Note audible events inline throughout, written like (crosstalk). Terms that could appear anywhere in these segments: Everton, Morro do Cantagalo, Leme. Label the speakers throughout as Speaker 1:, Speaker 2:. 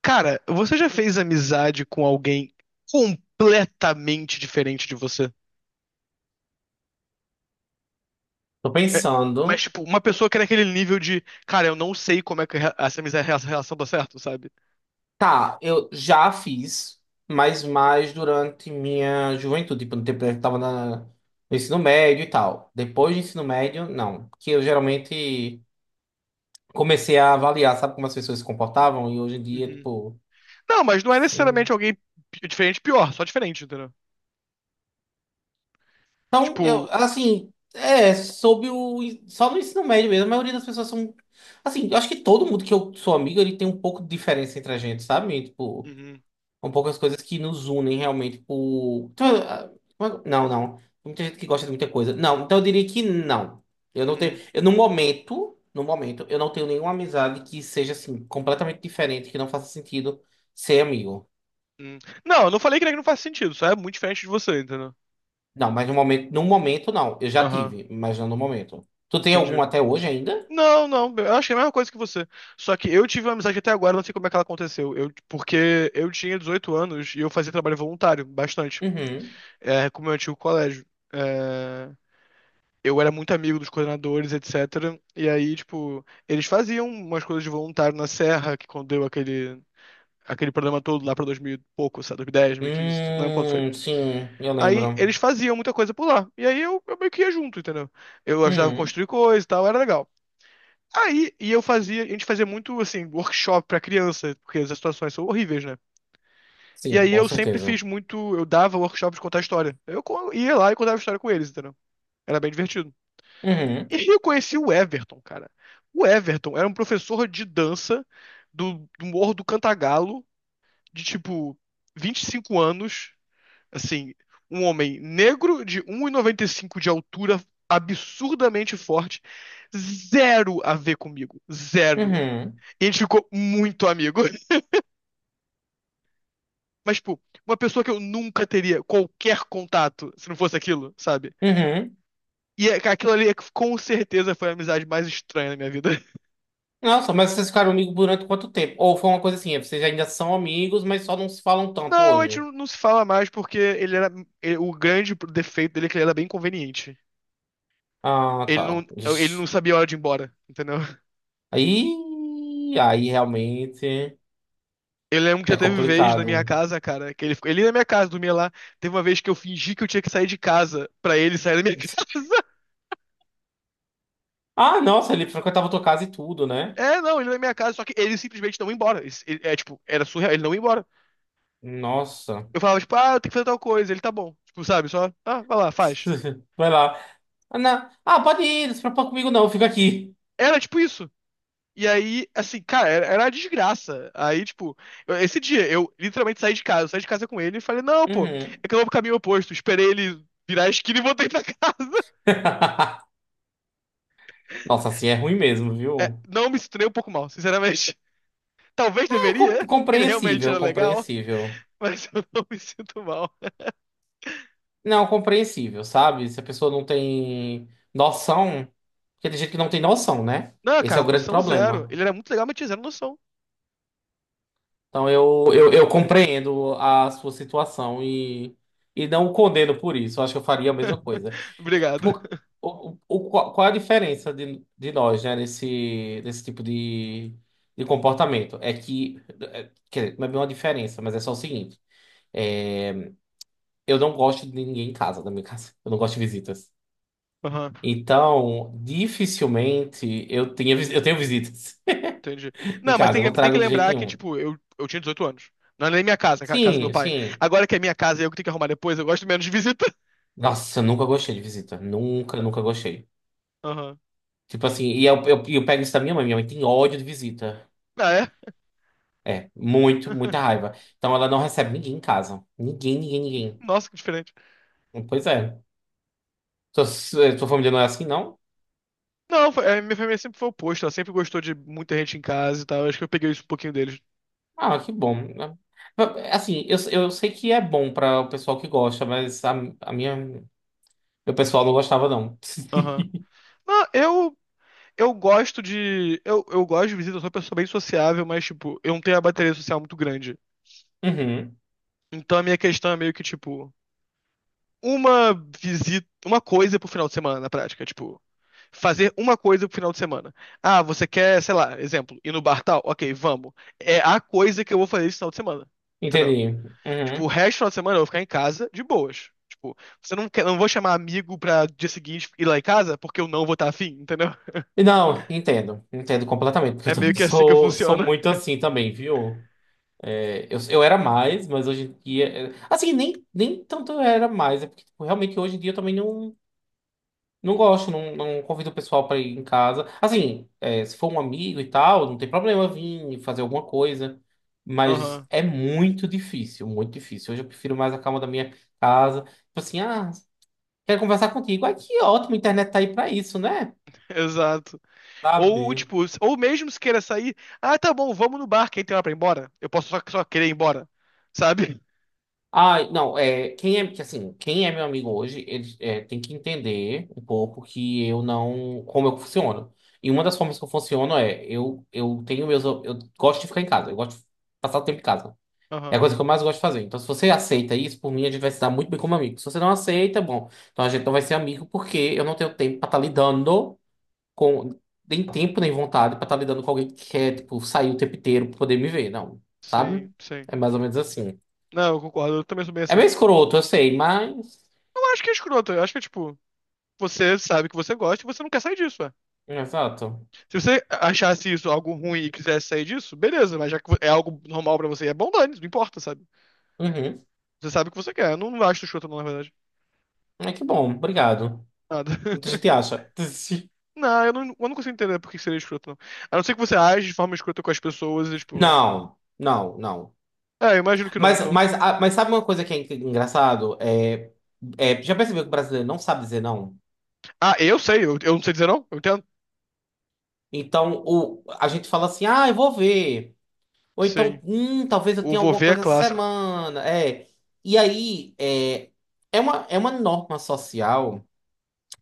Speaker 1: Cara, você já fez amizade com alguém completamente diferente de você?
Speaker 2: Tô
Speaker 1: É, mas,
Speaker 2: pensando.
Speaker 1: tipo, uma pessoa que era aquele nível de, cara, eu não sei como é que essa amizade, essa relação dá certo, sabe?
Speaker 2: Tá, eu já fiz, mas mais durante minha juventude, tipo, no tempo que eu tava no ensino médio e tal. Depois do ensino médio, não. Porque eu geralmente comecei a avaliar, sabe como as pessoas se comportavam? E hoje em dia,
Speaker 1: Uhum.
Speaker 2: tipo.
Speaker 1: Não, mas não é necessariamente
Speaker 2: Sim.
Speaker 1: alguém diferente, pior, só diferente, entendeu?
Speaker 2: Então, eu,
Speaker 1: Tipo,
Speaker 2: assim, é, sob o. Só no ensino médio mesmo, a maioria das pessoas são. Assim, eu acho que todo mundo que eu sou amigo, ele tem um pouco de diferença entre a gente, sabe? Tipo.
Speaker 1: uhum,
Speaker 2: São poucas coisas que nos unem realmente por. Então, não, não. Tem muita gente que gosta de muita coisa. Não, então eu diria que não. Eu não tenho.
Speaker 1: uhum,
Speaker 2: Eu, no momento, eu não tenho nenhuma amizade que seja assim, completamente diferente, que não faça sentido ser amigo.
Speaker 1: uhum, não, eu não falei que não faz sentido, só é muito diferente de você, entendeu?
Speaker 2: Não, mas no momento não. Eu já
Speaker 1: Aham,
Speaker 2: tive, mas não no momento. Tu tem algum
Speaker 1: entendi.
Speaker 2: até hoje ainda?
Speaker 1: Não, não, eu achei a mesma coisa que você. Só que eu tive uma amizade até agora, não sei como é que ela aconteceu. Eu, porque eu tinha 18 anos e eu fazia trabalho voluntário, bastante,
Speaker 2: Uhum.
Speaker 1: é, com o meu antigo colégio. É, eu era muito amigo dos coordenadores, etc. E aí, tipo, eles faziam umas coisas de voluntário na Serra, que quando deu aquele, aquele problema todo lá pra 2000 e pouco, sabe, 2010, 2015, não lembro quando foi.
Speaker 2: Sim, eu
Speaker 1: Aí
Speaker 2: lembro.
Speaker 1: eles faziam muita coisa por lá. E aí eu meio que ia junto, entendeu? Eu ajudava a
Speaker 2: Uhum.
Speaker 1: construir coisa e tal, era legal. Aí, e eu fazia, a gente fazia muito, assim, workshop pra criança, porque as situações são horríveis, né? E
Speaker 2: Sim,
Speaker 1: aí
Speaker 2: com
Speaker 1: eu sempre
Speaker 2: certeza.
Speaker 1: fiz muito, eu dava workshop de contar história. Ia lá e contava história com eles, entendeu? Era bem divertido.
Speaker 2: Uhum.
Speaker 1: E aí eu conheci o Everton, cara. O Everton era um professor de dança do Morro do Cantagalo, de tipo 25 anos, assim, um homem negro de 1,95 de altura, absurdamente forte, zero a ver comigo, zero.
Speaker 2: Uhum.
Speaker 1: E a gente ficou muito amigo. (laughs) Mas, tipo, uma pessoa que eu nunca teria qualquer contato se não fosse aquilo, sabe?
Speaker 2: Uhum.
Speaker 1: Cara, aquilo ali é que com certeza foi a amizade mais estranha da minha vida. (laughs)
Speaker 2: Nossa, mas vocês ficaram amigos durante quanto tempo? Ou foi uma coisa assim, vocês ainda são amigos, mas só não se falam tanto
Speaker 1: Não, a gente
Speaker 2: hoje.
Speaker 1: não se fala mais porque ele era. O grande defeito dele é que ele era bem conveniente.
Speaker 2: Ah,
Speaker 1: Ele
Speaker 2: tá.
Speaker 1: não, Ele
Speaker 2: Ixi.
Speaker 1: não sabia a hora de ir embora, entendeu?
Speaker 2: Aí, realmente
Speaker 1: Eu lembro que já
Speaker 2: é
Speaker 1: teve vez na
Speaker 2: complicado.
Speaker 1: minha casa, cara, que ele ficou. Ele ia na minha casa, dormia lá. Teve uma vez que eu fingi que eu tinha que sair de casa pra ele sair da minha (laughs) casa.
Speaker 2: Ah, nossa, ele frequentava tua casa e tudo, né?
Speaker 1: É, não, ele ia na minha casa, só que ele simplesmente não ia embora. É tipo, era surreal, ele não ia embora.
Speaker 2: Nossa.
Speaker 1: Eu falava, tipo, ah, eu tenho que fazer tal coisa, ele tá bom. Tipo, sabe, só, ah, vai lá, faz.
Speaker 2: (laughs) Vai lá. Ah, não. Ah, pode ir, não se preocupa comigo não, eu fico aqui.
Speaker 1: Era tipo isso. E aí, assim, cara, era uma desgraça. Aí, tipo, esse dia eu literalmente saí de casa, eu saí de casa com ele e falei, não, pô,
Speaker 2: Uhum.
Speaker 1: é que eu vou pro caminho oposto. Esperei ele virar a esquina e voltei pra casa. (laughs)
Speaker 2: (laughs) Nossa, assim é ruim mesmo,
Speaker 1: É,
Speaker 2: viu?
Speaker 1: não me sinto nem um pouco mal, sinceramente. (laughs) Talvez
Speaker 2: É
Speaker 1: deveria, porque ele realmente era
Speaker 2: compreensível,
Speaker 1: legal,
Speaker 2: compreensível.
Speaker 1: (laughs) mas eu não me sinto mal.
Speaker 2: Não, compreensível, sabe? Se a pessoa não tem noção, porque tem gente que não tem noção, né?
Speaker 1: Não,
Speaker 2: Esse é
Speaker 1: cara,
Speaker 2: o grande
Speaker 1: noção zero.
Speaker 2: problema.
Speaker 1: Ele era muito legal, mas tinha zero noção.
Speaker 2: Então eu compreendo a sua situação e não o condeno por isso. Eu acho que eu faria a mesma
Speaker 1: (laughs)
Speaker 2: coisa. Eu-
Speaker 1: Obrigado.
Speaker 2: por- qual é a diferença de nós, né, nesse tipo de comportamento? É que, é, quer dizer, não é bem uma diferença, mas é só o seguinte: é, eu não gosto de ninguém em casa, da minha (laughs) casa. Eu não gosto de visitas.
Speaker 1: Aham.
Speaker 2: Então, dificilmente eu tenho visitas
Speaker 1: Entendi.
Speaker 2: (laughs) em
Speaker 1: Não, mas
Speaker 2: casa, eu não
Speaker 1: tem que
Speaker 2: trago de jeito
Speaker 1: lembrar que,
Speaker 2: nenhum.
Speaker 1: tipo, eu tinha 18 anos. Não era nem minha casa, a casa do meu
Speaker 2: Sim,
Speaker 1: pai.
Speaker 2: sim.
Speaker 1: Agora que é minha casa e eu que tenho que arrumar depois, eu gosto menos de visita.
Speaker 2: Nossa, eu nunca gostei de visita. Nunca, nunca gostei.
Speaker 1: Aham.
Speaker 2: Tipo assim, e eu pego isso da minha mãe. Minha mãe tem ódio de visita.
Speaker 1: Ah, é?
Speaker 2: É, muito, muita
Speaker 1: (laughs)
Speaker 2: raiva. Então ela não recebe ninguém em casa. Ninguém, ninguém,
Speaker 1: Nossa, que diferente.
Speaker 2: ninguém. Pois é. Sua família não é assim, não?
Speaker 1: Não, a minha família sempre foi oposta. Ela sempre gostou de muita gente em casa e tal. Acho que eu peguei isso um pouquinho deles.
Speaker 2: Ah, que bom. Assim, eu sei que é bom para o pessoal que gosta, mas a minha, meu pessoal não gostava, não.
Speaker 1: Aham.
Speaker 2: (laughs)
Speaker 1: Não, eu gosto de. Eu gosto de visita, eu sou uma pessoa bem sociável, mas, tipo, eu não tenho a bateria social muito grande.
Speaker 2: Uhum.
Speaker 1: Então a minha questão é meio que, tipo, uma visita, uma coisa pro final de semana, na prática. Tipo, fazer uma coisa pro final de semana. Ah, você quer, sei lá, exemplo, ir no bar tal? Ok, vamos. É a coisa que eu vou fazer esse final de semana. Entendeu?
Speaker 2: Entendi.
Speaker 1: Tipo, o
Speaker 2: Uhum.
Speaker 1: resto do final de semana eu vou ficar em casa de boas. Tipo, você não quer, não vou chamar amigo pra dia seguinte ir lá em casa porque eu não vou estar afim, entendeu? (laughs)
Speaker 2: E não, entendo. Entendo completamente, porque eu
Speaker 1: É meio
Speaker 2: também (laughs)
Speaker 1: que assim que
Speaker 2: sou
Speaker 1: funciona.
Speaker 2: muito assim também, viu? É, eu era mais, mas hoje em dia. Assim, nem tanto eu era mais, é porque tipo, realmente hoje em dia eu também não, não gosto, não, não convido o pessoal pra ir em casa. Assim, se for um amigo e tal, não tem problema vir fazer alguma coisa, mas
Speaker 1: Aham,
Speaker 2: é muito difícil, muito difícil. Hoje eu prefiro mais a calma da minha casa. Tipo assim, quero conversar contigo. Ai, que ótimo, a internet tá aí pra isso, né?
Speaker 1: (laughs) exato. Ou,
Speaker 2: Sabe?
Speaker 1: tipo, ou mesmo se queira sair, ah, tá bom, vamos no bar, quem tem hora pra ir embora? Eu posso só querer ir embora, sabe?
Speaker 2: Ah, não, é, quem é, que, assim, quem é meu amigo hoje, ele é, tem que entender um pouco que eu não, como eu funciono. E uma das formas que eu funciono é, eu tenho meus, eu gosto de ficar em casa, eu gosto de passar o tempo em casa. É
Speaker 1: Aham,
Speaker 2: a coisa que eu mais gosto de fazer. Então, se você aceita isso, por mim, a gente vai se dar muito bem como amigo. Se você não aceita, bom, então a gente não vai ser amigo porque eu não tenho tempo pra estar lidando com, nem tempo, nem vontade pra estar lidando com alguém que quer, tipo, sair o tempo inteiro pra poder me ver, não, sabe?
Speaker 1: sim, sim.
Speaker 2: É mais ou menos assim.
Speaker 1: Não, eu concordo, eu também sou bem
Speaker 2: É
Speaker 1: assim.
Speaker 2: meio escroto, eu sei, mas.
Speaker 1: Eu acho que é escroto. Eu acho que é tipo, você sabe que você gosta e você não quer sair disso, ué.
Speaker 2: Exato.
Speaker 1: Se você achasse isso algo ruim e quisesse sair disso, beleza, mas já que é algo normal pra você, é bom dane, não importa, sabe?
Speaker 2: Uhum.
Speaker 1: Você sabe o que você quer. Eu não acho escroto, não, na verdade.
Speaker 2: É que bom, obrigado.
Speaker 1: Nada.
Speaker 2: Muita
Speaker 1: (laughs)
Speaker 2: gente acha. (laughs)
Speaker 1: Não, eu não consigo entender por que seria escroto, não. A não ser que você age de forma escrota com as pessoas e, tipo.
Speaker 2: Não, não, não.
Speaker 1: É, eu imagino que não,
Speaker 2: Mas,
Speaker 1: então.
Speaker 2: mas, ah, mas sabe uma coisa que é engraçado? É, já percebeu que o brasileiro não sabe dizer não?
Speaker 1: Ah, eu sei, eu não sei dizer não? Eu entendo?
Speaker 2: Então, a gente fala assim, ah, eu vou ver. Ou então,
Speaker 1: Sim.
Speaker 2: talvez eu
Speaker 1: O
Speaker 2: tenha
Speaker 1: vou
Speaker 2: alguma
Speaker 1: ver é
Speaker 2: coisa essa
Speaker 1: clássico.
Speaker 2: semana. É. E aí, é uma norma social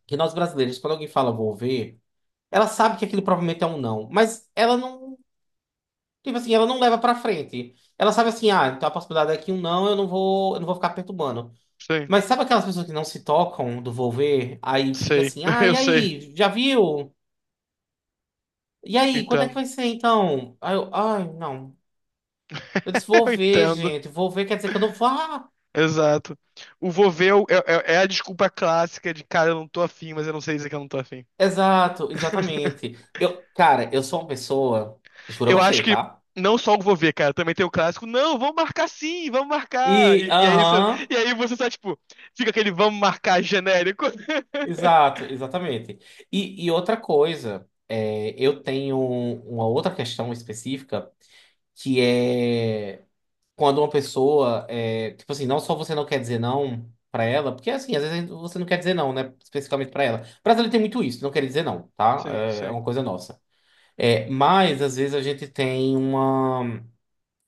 Speaker 2: que nós brasileiros, quando alguém fala vou ver, ela sabe que aquilo provavelmente é um não, mas ela não. Tipo assim, ela não leva pra frente. Ela sabe assim, então a possibilidade é que um não, eu não vou ficar perturbando.
Speaker 1: Sim.
Speaker 2: Mas sabe aquelas pessoas que não se tocam do vou ver? Aí fica
Speaker 1: Sei.
Speaker 2: assim,
Speaker 1: (laughs)
Speaker 2: e
Speaker 1: Eu sei.
Speaker 2: aí, já viu? E aí, quando é que
Speaker 1: Entendo.
Speaker 2: vai ser então? Aí eu, ai, não. Eu disse,
Speaker 1: (laughs)
Speaker 2: vou
Speaker 1: Eu
Speaker 2: ver,
Speaker 1: entendo.
Speaker 2: gente, vou ver, quer dizer que eu não vou. Ah,
Speaker 1: Exato. O vou ver é, é a desculpa clássica de, cara, eu não tô afim, mas eu não sei dizer que eu não tô afim.
Speaker 2: exato,
Speaker 1: (laughs)
Speaker 2: exatamente. Eu, cara, eu sou uma pessoa, juro a
Speaker 1: Eu acho
Speaker 2: você,
Speaker 1: que
Speaker 2: tá?
Speaker 1: não só o vou ver, cara, também tem o clássico, não, vamos marcar sim, vamos marcar.
Speaker 2: E,
Speaker 1: E aí você,
Speaker 2: aham,
Speaker 1: e aí você só, tipo, fica aquele vamos marcar genérico. (laughs)
Speaker 2: exato, exatamente. E, outra coisa, é, eu tenho uma outra questão específica que é quando uma pessoa é, tipo assim, não só você não quer dizer não pra ela, porque assim, às vezes você não quer dizer não, né, especificamente pra ela. Brasileiro tem muito isso, não quer dizer não, tá?
Speaker 1: Sim,
Speaker 2: É
Speaker 1: sim.
Speaker 2: uma coisa nossa. É, mas às vezes a gente tem uma,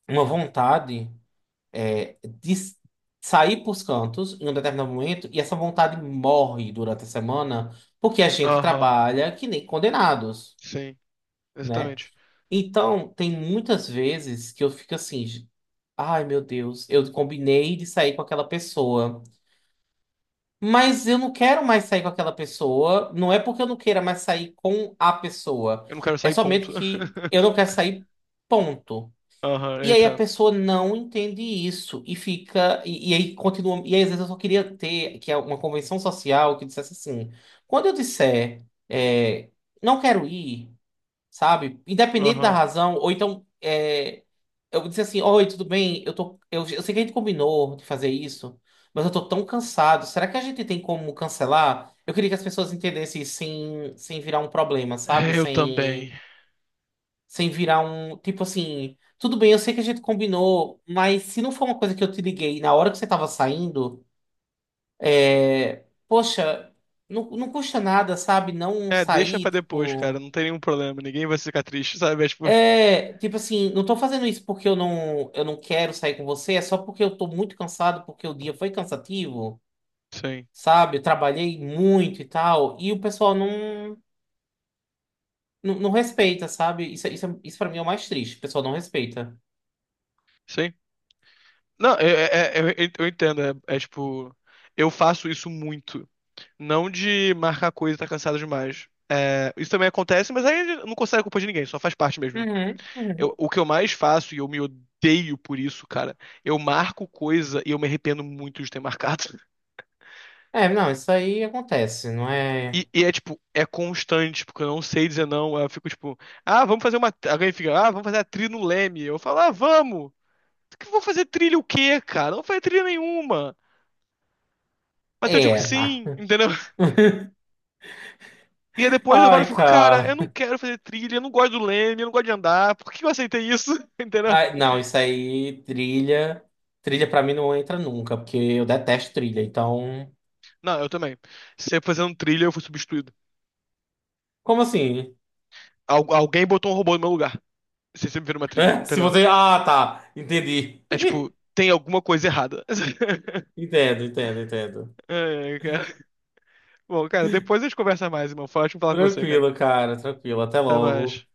Speaker 2: uma vontade de sair pros cantos em um determinado momento e essa vontade morre durante a semana porque a gente
Speaker 1: Aham,
Speaker 2: trabalha que nem condenados,
Speaker 1: sim,
Speaker 2: né?
Speaker 1: exatamente.
Speaker 2: Então, tem muitas vezes que eu fico assim. Ai, meu Deus, eu combinei de sair com aquela pessoa, mas eu não quero mais sair com aquela pessoa. Não é porque eu não queira mais sair com a pessoa,
Speaker 1: Eu não quero
Speaker 2: é
Speaker 1: sair,
Speaker 2: somente
Speaker 1: ponto.
Speaker 2: que
Speaker 1: (laughs)
Speaker 2: eu não quero sair, ponto.
Speaker 1: Aham, eu
Speaker 2: E aí a
Speaker 1: entendo.
Speaker 2: pessoa não entende isso e fica, e aí continua. E aí às vezes eu só queria ter que é uma convenção social que dissesse assim: quando eu disser, não quero ir, sabe, independente da
Speaker 1: Aham.
Speaker 2: razão, ou então. Eh, eu disse assim, oi, tudo bem? Eu sei que a gente combinou de fazer isso, mas eu tô tão cansado. Será que a gente tem como cancelar? Eu queria que as pessoas entendessem isso sem virar um problema, sabe?
Speaker 1: Eu também.
Speaker 2: Sem virar um, tipo assim, tudo bem, eu sei que a gente combinou, mas se não for uma coisa que eu te liguei na hora que você tava saindo, poxa, não, não custa nada, sabe? Não
Speaker 1: É, deixa
Speaker 2: sair,
Speaker 1: pra depois, cara,
Speaker 2: tipo.
Speaker 1: não tem nenhum problema, ninguém vai ficar triste, sabe? É, tipo,
Speaker 2: É, tipo assim, não tô fazendo isso porque eu não quero sair com você, é só porque eu tô muito cansado, porque o dia foi cansativo,
Speaker 1: sim.
Speaker 2: sabe? Eu trabalhei muito e tal, e o pessoal não respeita, sabe? Isso pra mim é o mais triste, o pessoal não respeita.
Speaker 1: Sim, não, eu entendo. É, é tipo, eu faço isso muito. Não de marcar coisa e tá cansado demais. É, isso também acontece, mas aí eu não consegue culpa de ninguém, só faz parte mesmo, né?
Speaker 2: Uhum, uhum.
Speaker 1: O que eu mais faço, e eu me odeio por isso, cara, eu marco coisa e eu me arrependo muito de ter marcado. (laughs)
Speaker 2: É, não, isso aí acontece, não é?
Speaker 1: E é tipo, é constante, porque eu não sei dizer não. Eu fico tipo, ah, vamos fazer uma. Alguém fica, ah, vamos fazer a trilha no Leme. Eu falo, ah, vamos! Que eu vou fazer trilha o quê, cara? Não vou fazer trilha nenhuma. Mas eu
Speaker 2: É,
Speaker 1: digo
Speaker 2: é, ah.
Speaker 1: sim, entendeu?
Speaker 2: (laughs)
Speaker 1: E aí depois eu falo e
Speaker 2: Ai,
Speaker 1: fico, cara, eu
Speaker 2: cara.
Speaker 1: não quero fazer trilha, eu não gosto do leme, eu não gosto de andar, por que eu aceitei isso? (laughs) Entendeu?
Speaker 2: Ai, não, isso aí, trilha. Trilha pra mim não entra nunca, porque eu detesto trilha, então.
Speaker 1: Não, eu também. Sempre fazendo trilha, eu fui substituído.
Speaker 2: Como assim?
Speaker 1: Alguém botou um robô no meu lugar. Você sempre vira uma trilha,
Speaker 2: É? Se
Speaker 1: entendeu?
Speaker 2: você. Ah, tá. Entendi.
Speaker 1: É tipo,
Speaker 2: (laughs)
Speaker 1: tem alguma coisa errada. (laughs)
Speaker 2: Entendo, entendo, entendo.
Speaker 1: É, cara. Bom, cara, depois a gente conversa mais, irmão. Foi ótimo falar com você, cara.
Speaker 2: Tranquilo, cara, tranquilo. Até
Speaker 1: Até
Speaker 2: logo.
Speaker 1: mais.